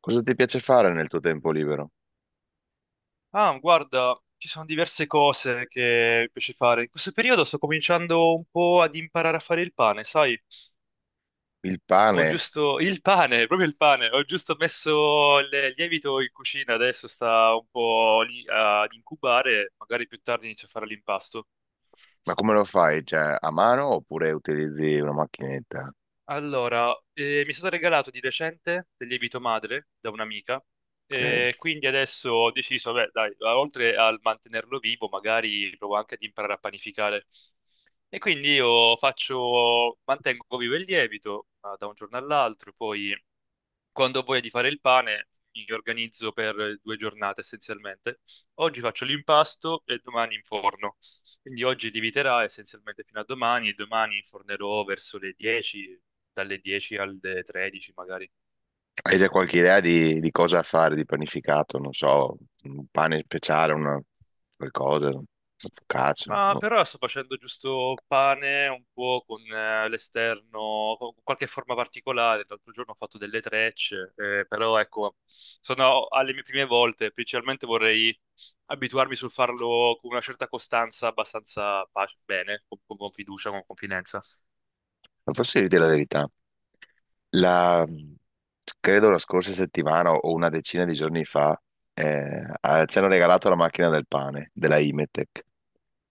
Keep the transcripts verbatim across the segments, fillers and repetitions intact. Cosa ti piace fare nel tuo tempo libero? Ah, guarda, ci sono diverse cose che mi piace fare. In questo periodo sto cominciando un po' ad imparare a fare il pane, sai? Il Ho pane, giusto il pane, proprio il pane. Ho giusto messo il lievito in cucina, adesso sta un po' lì ad incubare, magari più tardi inizio a fare l'impasto. ma come lo fai? Cioè, a mano oppure utilizzi una macchinetta? Allora, eh, mi è stato regalato di recente del lievito madre da un'amica. Ok. E quindi adesso ho deciso, beh, dai, oltre al mantenerlo vivo, magari provo anche ad imparare a panificare. E quindi io faccio, mantengo vivo il lievito ah, da un giorno all'altro, poi quando ho voglia di fare il pane mi organizzo per due giornate essenzialmente. Oggi faccio l'impasto e domani in forno. Quindi oggi lieviterà essenzialmente fino a domani e domani infornerò verso le dieci, dalle dieci alle tredici magari. Hai già qualche idea di, di cosa fare di panificato? Non so, un pane speciale, una qualcosa, una focaccia. Ma No. per ora sto facendo giusto pane un po' con eh, l'esterno, con qualche forma particolare. L'altro giorno ho fatto delle trecce, eh, però ecco, sono alle mie prime volte. Principalmente vorrei abituarmi sul farlo con una certa costanza, abbastanza pace- bene, con, con fiducia, con confidenza. Ma posso dirti la verità? La, Credo la scorsa settimana o una decina di giorni fa eh, ah, ci hanno regalato la macchina del pane della Imetec.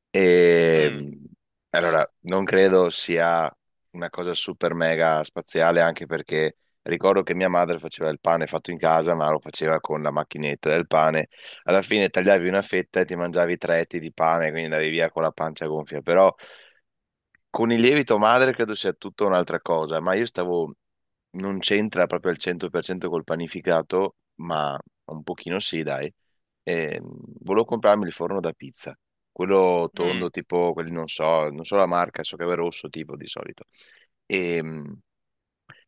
E Mm, mh, allora, non credo sia una cosa super mega spaziale, anche perché ricordo che mia madre faceva il pane fatto in casa, ma lo faceva con la macchinetta del pane. Alla fine tagliavi una fetta e ti mangiavi tre etti di pane, quindi andavi via con la pancia gonfia. Però con il lievito madre credo sia tutta un'altra cosa, ma io stavo, non c'entra proprio al cento per cento col panificato, ma un pochino sì, dai. E, mm, volevo comprarmi il forno da pizza, quello mm. tondo, tipo quelli non so, non so la marca, so che è rosso tipo di solito. E, mm,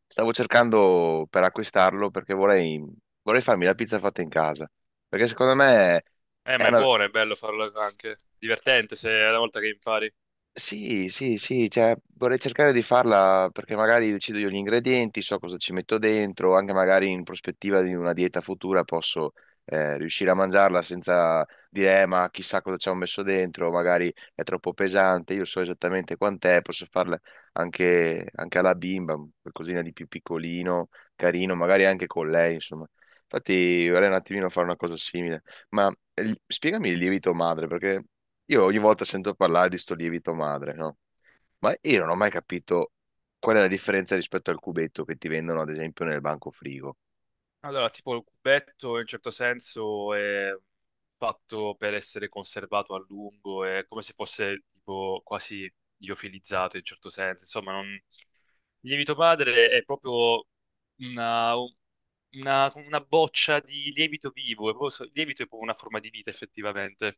stavo cercando per acquistarlo perché vorrei, vorrei farmi la pizza fatta in casa, perché secondo me Eh, è ma è una, buono, è bello farlo anche. Divertente se è la volta che impari. sì, sì, sì, cioè, vorrei cercare di farla perché magari decido io gli ingredienti, so cosa ci metto dentro, anche magari in prospettiva di una dieta futura posso eh, riuscire a mangiarla senza dire, "Eh, ma chissà cosa ci ho messo dentro, magari è troppo pesante, io so esattamente quant'è, posso farla anche, anche alla bimba, qualcosina di più piccolino, carino, magari anche con lei, insomma. Infatti vorrei un attimino fare una cosa simile, ma eh, spiegami il lievito madre perché... Io ogni volta sento parlare di sto lievito madre, no? Ma io non ho mai capito qual è la differenza rispetto al cubetto che ti vendono, ad esempio, nel banco frigo. Allora, tipo il cubetto in un certo senso è fatto per essere conservato a lungo, è come se fosse tipo quasi liofilizzato in un certo senso. Insomma, non... il lievito padre è proprio una, una- una boccia di lievito vivo, è proprio so- il lievito è proprio una forma di vita effettivamente.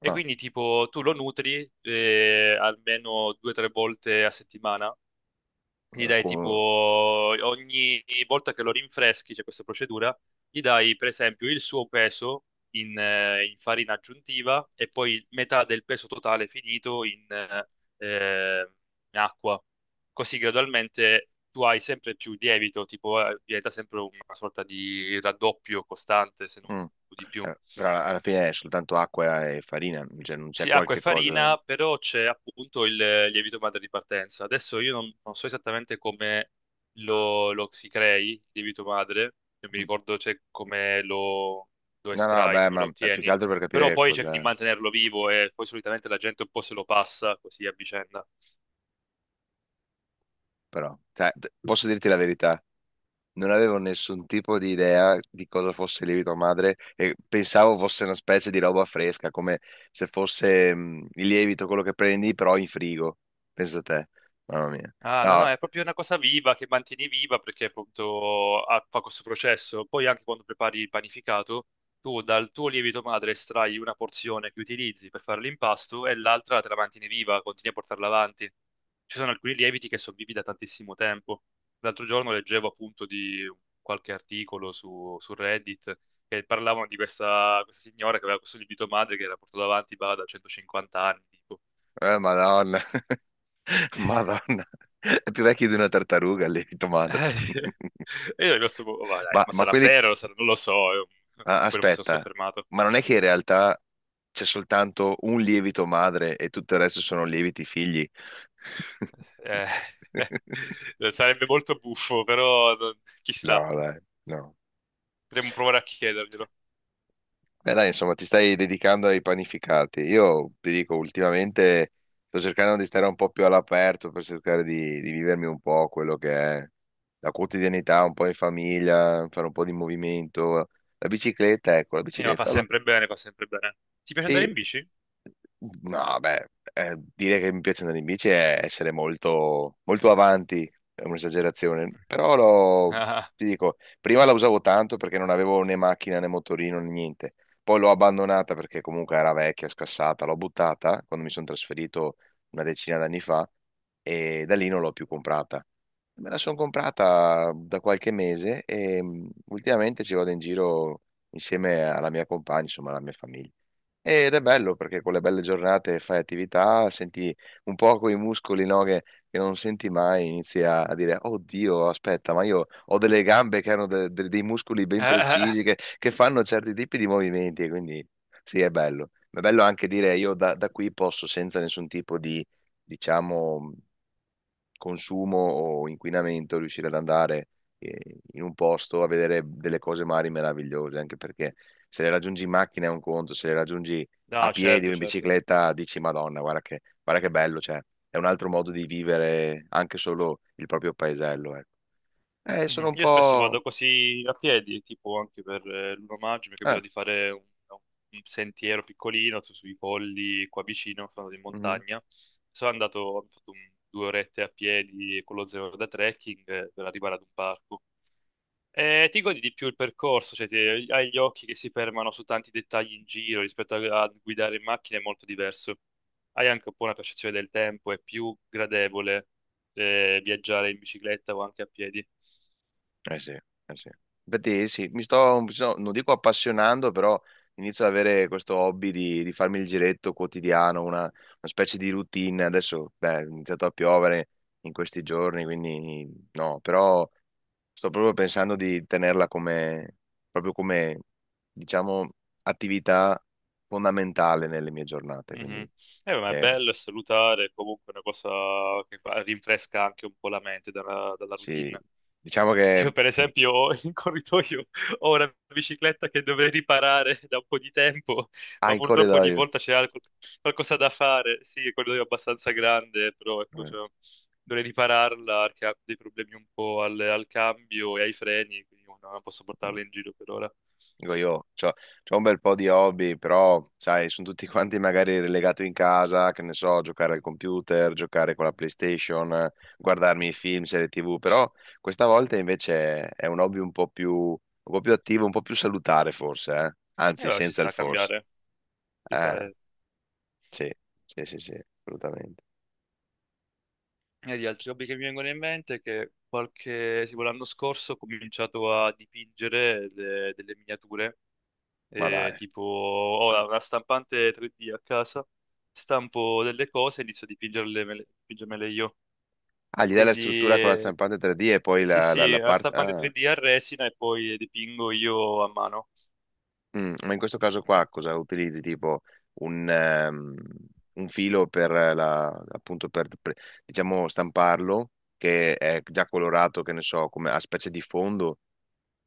E Ah, quindi tipo tu lo nutri eh, almeno due o tre volte a settimana gli dai tipo ecco, ogni volta che lo rinfreschi, c'è questa procedura, gli dai per esempio il suo peso in, eh, in farina aggiuntiva e poi metà del peso totale finito in, eh, eh, in acqua. Così gradualmente tu hai sempre più lievito, tipo eh, diventa sempre una sorta di raddoppio costante, se non mm. di più. Eh, però alla alla fine è soltanto acqua e farina, cioè non c'è Sì, acqua e qualche cosa. farina, però c'è appunto il lievito madre di partenza. Adesso io non, non so esattamente come lo, lo si crei, il lievito madre, non mi Mm. ricordo cioè, come lo, lo No, no, estrai, beh, come lo ma è più che ottieni, altro per capire però che poi cerchi di cos'è, mantenerlo vivo e poi solitamente la gente un po' se lo passa così a vicenda. però. Cioè, d- posso dirti la verità, non avevo nessun tipo di idea di cosa fosse il lievito madre e pensavo fosse una specie di roba fresca, come se fosse mh, il lievito quello che prendi però in frigo. Pensa te, mamma mia. Ah, no, no, No, è proprio una cosa viva che mantieni viva perché appunto ha fa questo processo. Poi anche quando prepari il panificato, tu dal tuo lievito madre estrai una porzione che utilizzi per fare l'impasto e l'altra te la mantieni viva, continui a portarla avanti. Ci sono alcuni lieviti che sono vivi da tantissimo tempo. L'altro giorno leggevo appunto di qualche articolo su, su Reddit che parlavano di questa, questa signora che aveva questo lievito madre che era portato avanti bah, da centocinquanta anni, tipo. eh, Madonna, Madonna, è più vecchio di una tartaruga il lievito Eh, madre. E io ero rimasto un po', "Oh, ma dai, Ma, ma ma sarà quelli, vero? Sarà- Non lo so, io- ah, poi non mi sono aspetta, soffermato. ma non è che in realtà c'è soltanto un lievito madre e tutto il resto sono lieviti figli? Eh, eh, sarebbe molto buffo, però non- No, chissà, dai, no. potremmo provare a chiederglielo. Beh, dai, insomma, ti stai dedicando ai panificati. Io ti dico, ultimamente sto cercando di stare un po' più all'aperto per cercare di, di vivermi un po' quello che è la quotidianità, un po' in famiglia, fare un po' di movimento. La bicicletta, ecco, la Eh, ma fa bicicletta, alla- sempre bene, fa sempre bene. Ti piace andare sì, in bici? no, beh, eh, dire che mi piacciono le bici è essere molto, molto avanti, è un'esagerazione, però lo- ti dico, prima la usavo tanto perché non avevo né macchina né motorino né niente, poi l'ho abbandonata perché comunque era vecchia, scassata, l'ho buttata quando mi sono trasferito una decina d'anni fa e da lì non l'ho più comprata. Me la sono comprata da qualche mese e mm, ultimamente ci vado in giro insieme alla mia compagna, insomma alla mia famiglia. Ed è bello perché con le belle giornate fai attività, senti un po' quei muscoli, no, che, che non senti mai, inizi a, a dire, oddio, aspetta, ma io ho delle gambe che hanno de- de- dei muscoli ben Ah, eh, eh, eh. precisi, che, che fanno certi tipi di movimenti, e quindi sì, è bello. Ma è bello anche dire, io da, da qui posso senza nessun tipo di, diciamo, consumo o inquinamento, riuscire ad andare eh, in un posto a vedere delle cose magari meravigliose, anche perché se le raggiungi in macchina è un conto, se le raggiungi a No, piedi o certo, in certo. bicicletta dici Madonna, guarda che, guarda che bello, cioè è un altro modo di vivere anche solo il proprio paesello, ecco. Eh, Mhm. sono un Io spesso po'. vado così a piedi, tipo anche per eh, l'primo maggio mi è eh, capitato di fare un, un sentiero piccolino su- sui colli qua vicino, sono andato in mhm. montagna. Sono andato, ho fatto un- due orette a piedi con lo zaino da trekking eh, per arrivare ad un parco. E ti godi di più il percorso, cioè ti- hai gli occhi che si fermano su tanti dettagli in giro rispetto a, a guidare in macchina, è molto diverso. Hai anche un po' una percezione del tempo, è più gradevole eh, viaggiare in bicicletta o anche a piedi. Eh sì, eh sì. Infatti sì, mi sto, mi sto- non dico appassionando, però inizio ad avere questo hobby di, di farmi il giretto quotidiano, una, una specie di routine. Adesso, beh, è iniziato a piovere in questi giorni, quindi no, però sto proprio pensando di tenerla come, proprio come, diciamo, attività fondamentale nelle mie giornate. Mhm. Quindi, Eh, ma è eh, bello, è salutare, è comunque una cosa che fa- rinfresca anche un po' la mente dalla, dalla sì, routine. diciamo che Io, per esempio, ho in corridoio ho una bicicletta che dovrei riparare da un po' di tempo, ha ma in purtroppo ogni corridoio. volta c'è alco- qualcosa da fare. Sì, il corridoio è abbastanza grande, però ecco, Eh. cioè, dovrei ripararla perché ha dei problemi un po' al, al cambio e ai freni, quindi non non posso Mm. portarla in giro per ora. Dico io, c'ho, c'ho un bel po' di hobby, però, sai, sono tutti quanti magari relegato in casa, che ne so, giocare al computer, giocare con la PlayStation, eh, E guardarmi i film, serie tivù, però questa volta invece è, è un hobby un po' più, un po' più attivo, un po' più salutare forse, eh? eh, Anzi, vabbè, ci senza il sta a forse. cambiare, ci Eh, sta, eh. sì, sì, sì, sì, assolutamente. E di altri hobby che mi vengono in mente è che qualche, tipo l'anno scorso ho cominciato a dipingere de- delle miniature, Ma eh, dai. tipo ho la- una stampante tre D a casa, stampo delle cose e inizio a dipingerle, mele- dipingermele io. Ah, gli dai la Quindi struttura con la eh, stampante tre D e poi sì la, la, sì, la una parte. stampante Ah. tre D a resina e poi dipingo io a mano. Mm, ma in questo caso qua cosa utilizzi? Tipo un, ehm, un filo per la, appunto per, per, diciamo stamparlo che è già colorato, che ne so, come a specie di fondo,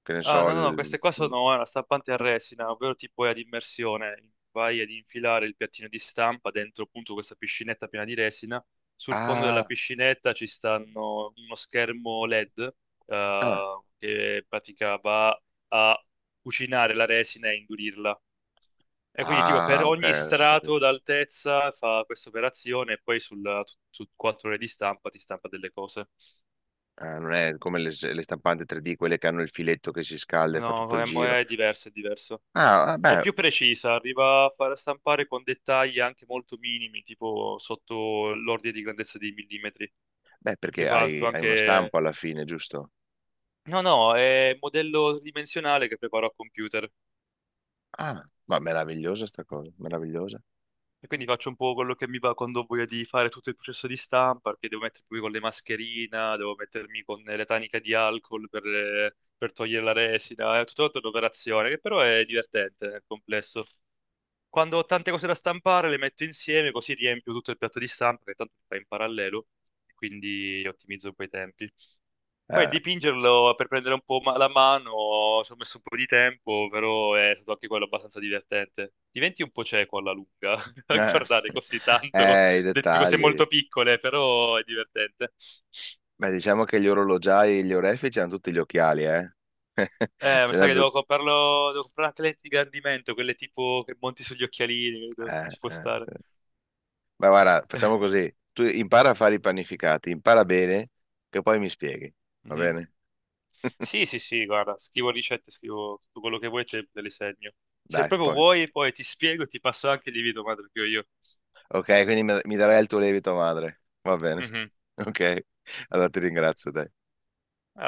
che ne Ah, so, no, no, no, il- queste qua mm. sono una stampante a resina, ovvero tipo è ad immersione. Vai ad infilare il piattino di stampa dentro appunto questa piscinetta piena di resina. Sul fondo della Ah, piscinetta ci stanno uno schermo L E D, ah, eh, che in pratica va a cucinare la resina e indurirla. E quindi tipo per ah, ok, ogni adesso ho strato capito. d'altezza fa questa operazione e poi sul- su quattro ore di stampa ti stampa delle cose. Ah, non è come le, le stampanti tre D, quelle che hanno il filetto che si scalda e fa tutto No, il è, mo- giro. è diverso, è diverso. Ah, ah, È beh, più precisa, arriva a far stampare con dettagli anche molto minimi, tipo sotto l'ordine di grandezza di millimetri. beh, Si perché fa hai, hai uno anche... stampo alla fine, giusto? No, no, è modello dimensionale che preparo a computer. Ah, ma meravigliosa sta cosa, meravigliosa. E quindi faccio un po' quello che mi va quando ho voglia di fare tutto il processo di stampa, perché devo mettermi poi con le mascherine, devo mettermi con le taniche di alcol per, per togliere la resina, è tutta un'operazione che però è divertente nel complesso. Quando ho tante cose da stampare, le metto insieme, così riempio tutto il piatto di stampa, che tanto si fa in parallelo, e quindi ottimizzo un po' i tempi. Poi Eh, dipingerlo per prendere un po' ma- la mano, ci ho messo un po' di tempo, però è stato anche quello abbastanza divertente. Diventi un po' cieco alla lunga, a eh. guardare così tanto, Eh, i de- cose molto dettagli. piccole, però è divertente. Beh, diciamo che gli orologiai e gli orefici hanno tutti gli occhiali, eh. Eh, mi Ce sa che l'hanno devo tutti. comprarlo, devo comprare anche lenti di ingrandimento, quelle tipo che monti sugli occhialini, credo, Eh, ci può eh, stare. sì. Ma guarda, facciamo così. Tu impara a fare i panificati, impara bene, che poi mi spieghi. Va Mhm. bene? Sì, sì, sì, guarda, scrivo ricette, scrivo tutto quello che vuoi, te, te le segno. Se Dai, proprio poi. vuoi, poi ti spiego e ti passo anche il lievito madre che ho io. Ok, quindi mi mi darai il tuo lievito madre. Va bene. Ok, allora ti ringrazio, dai.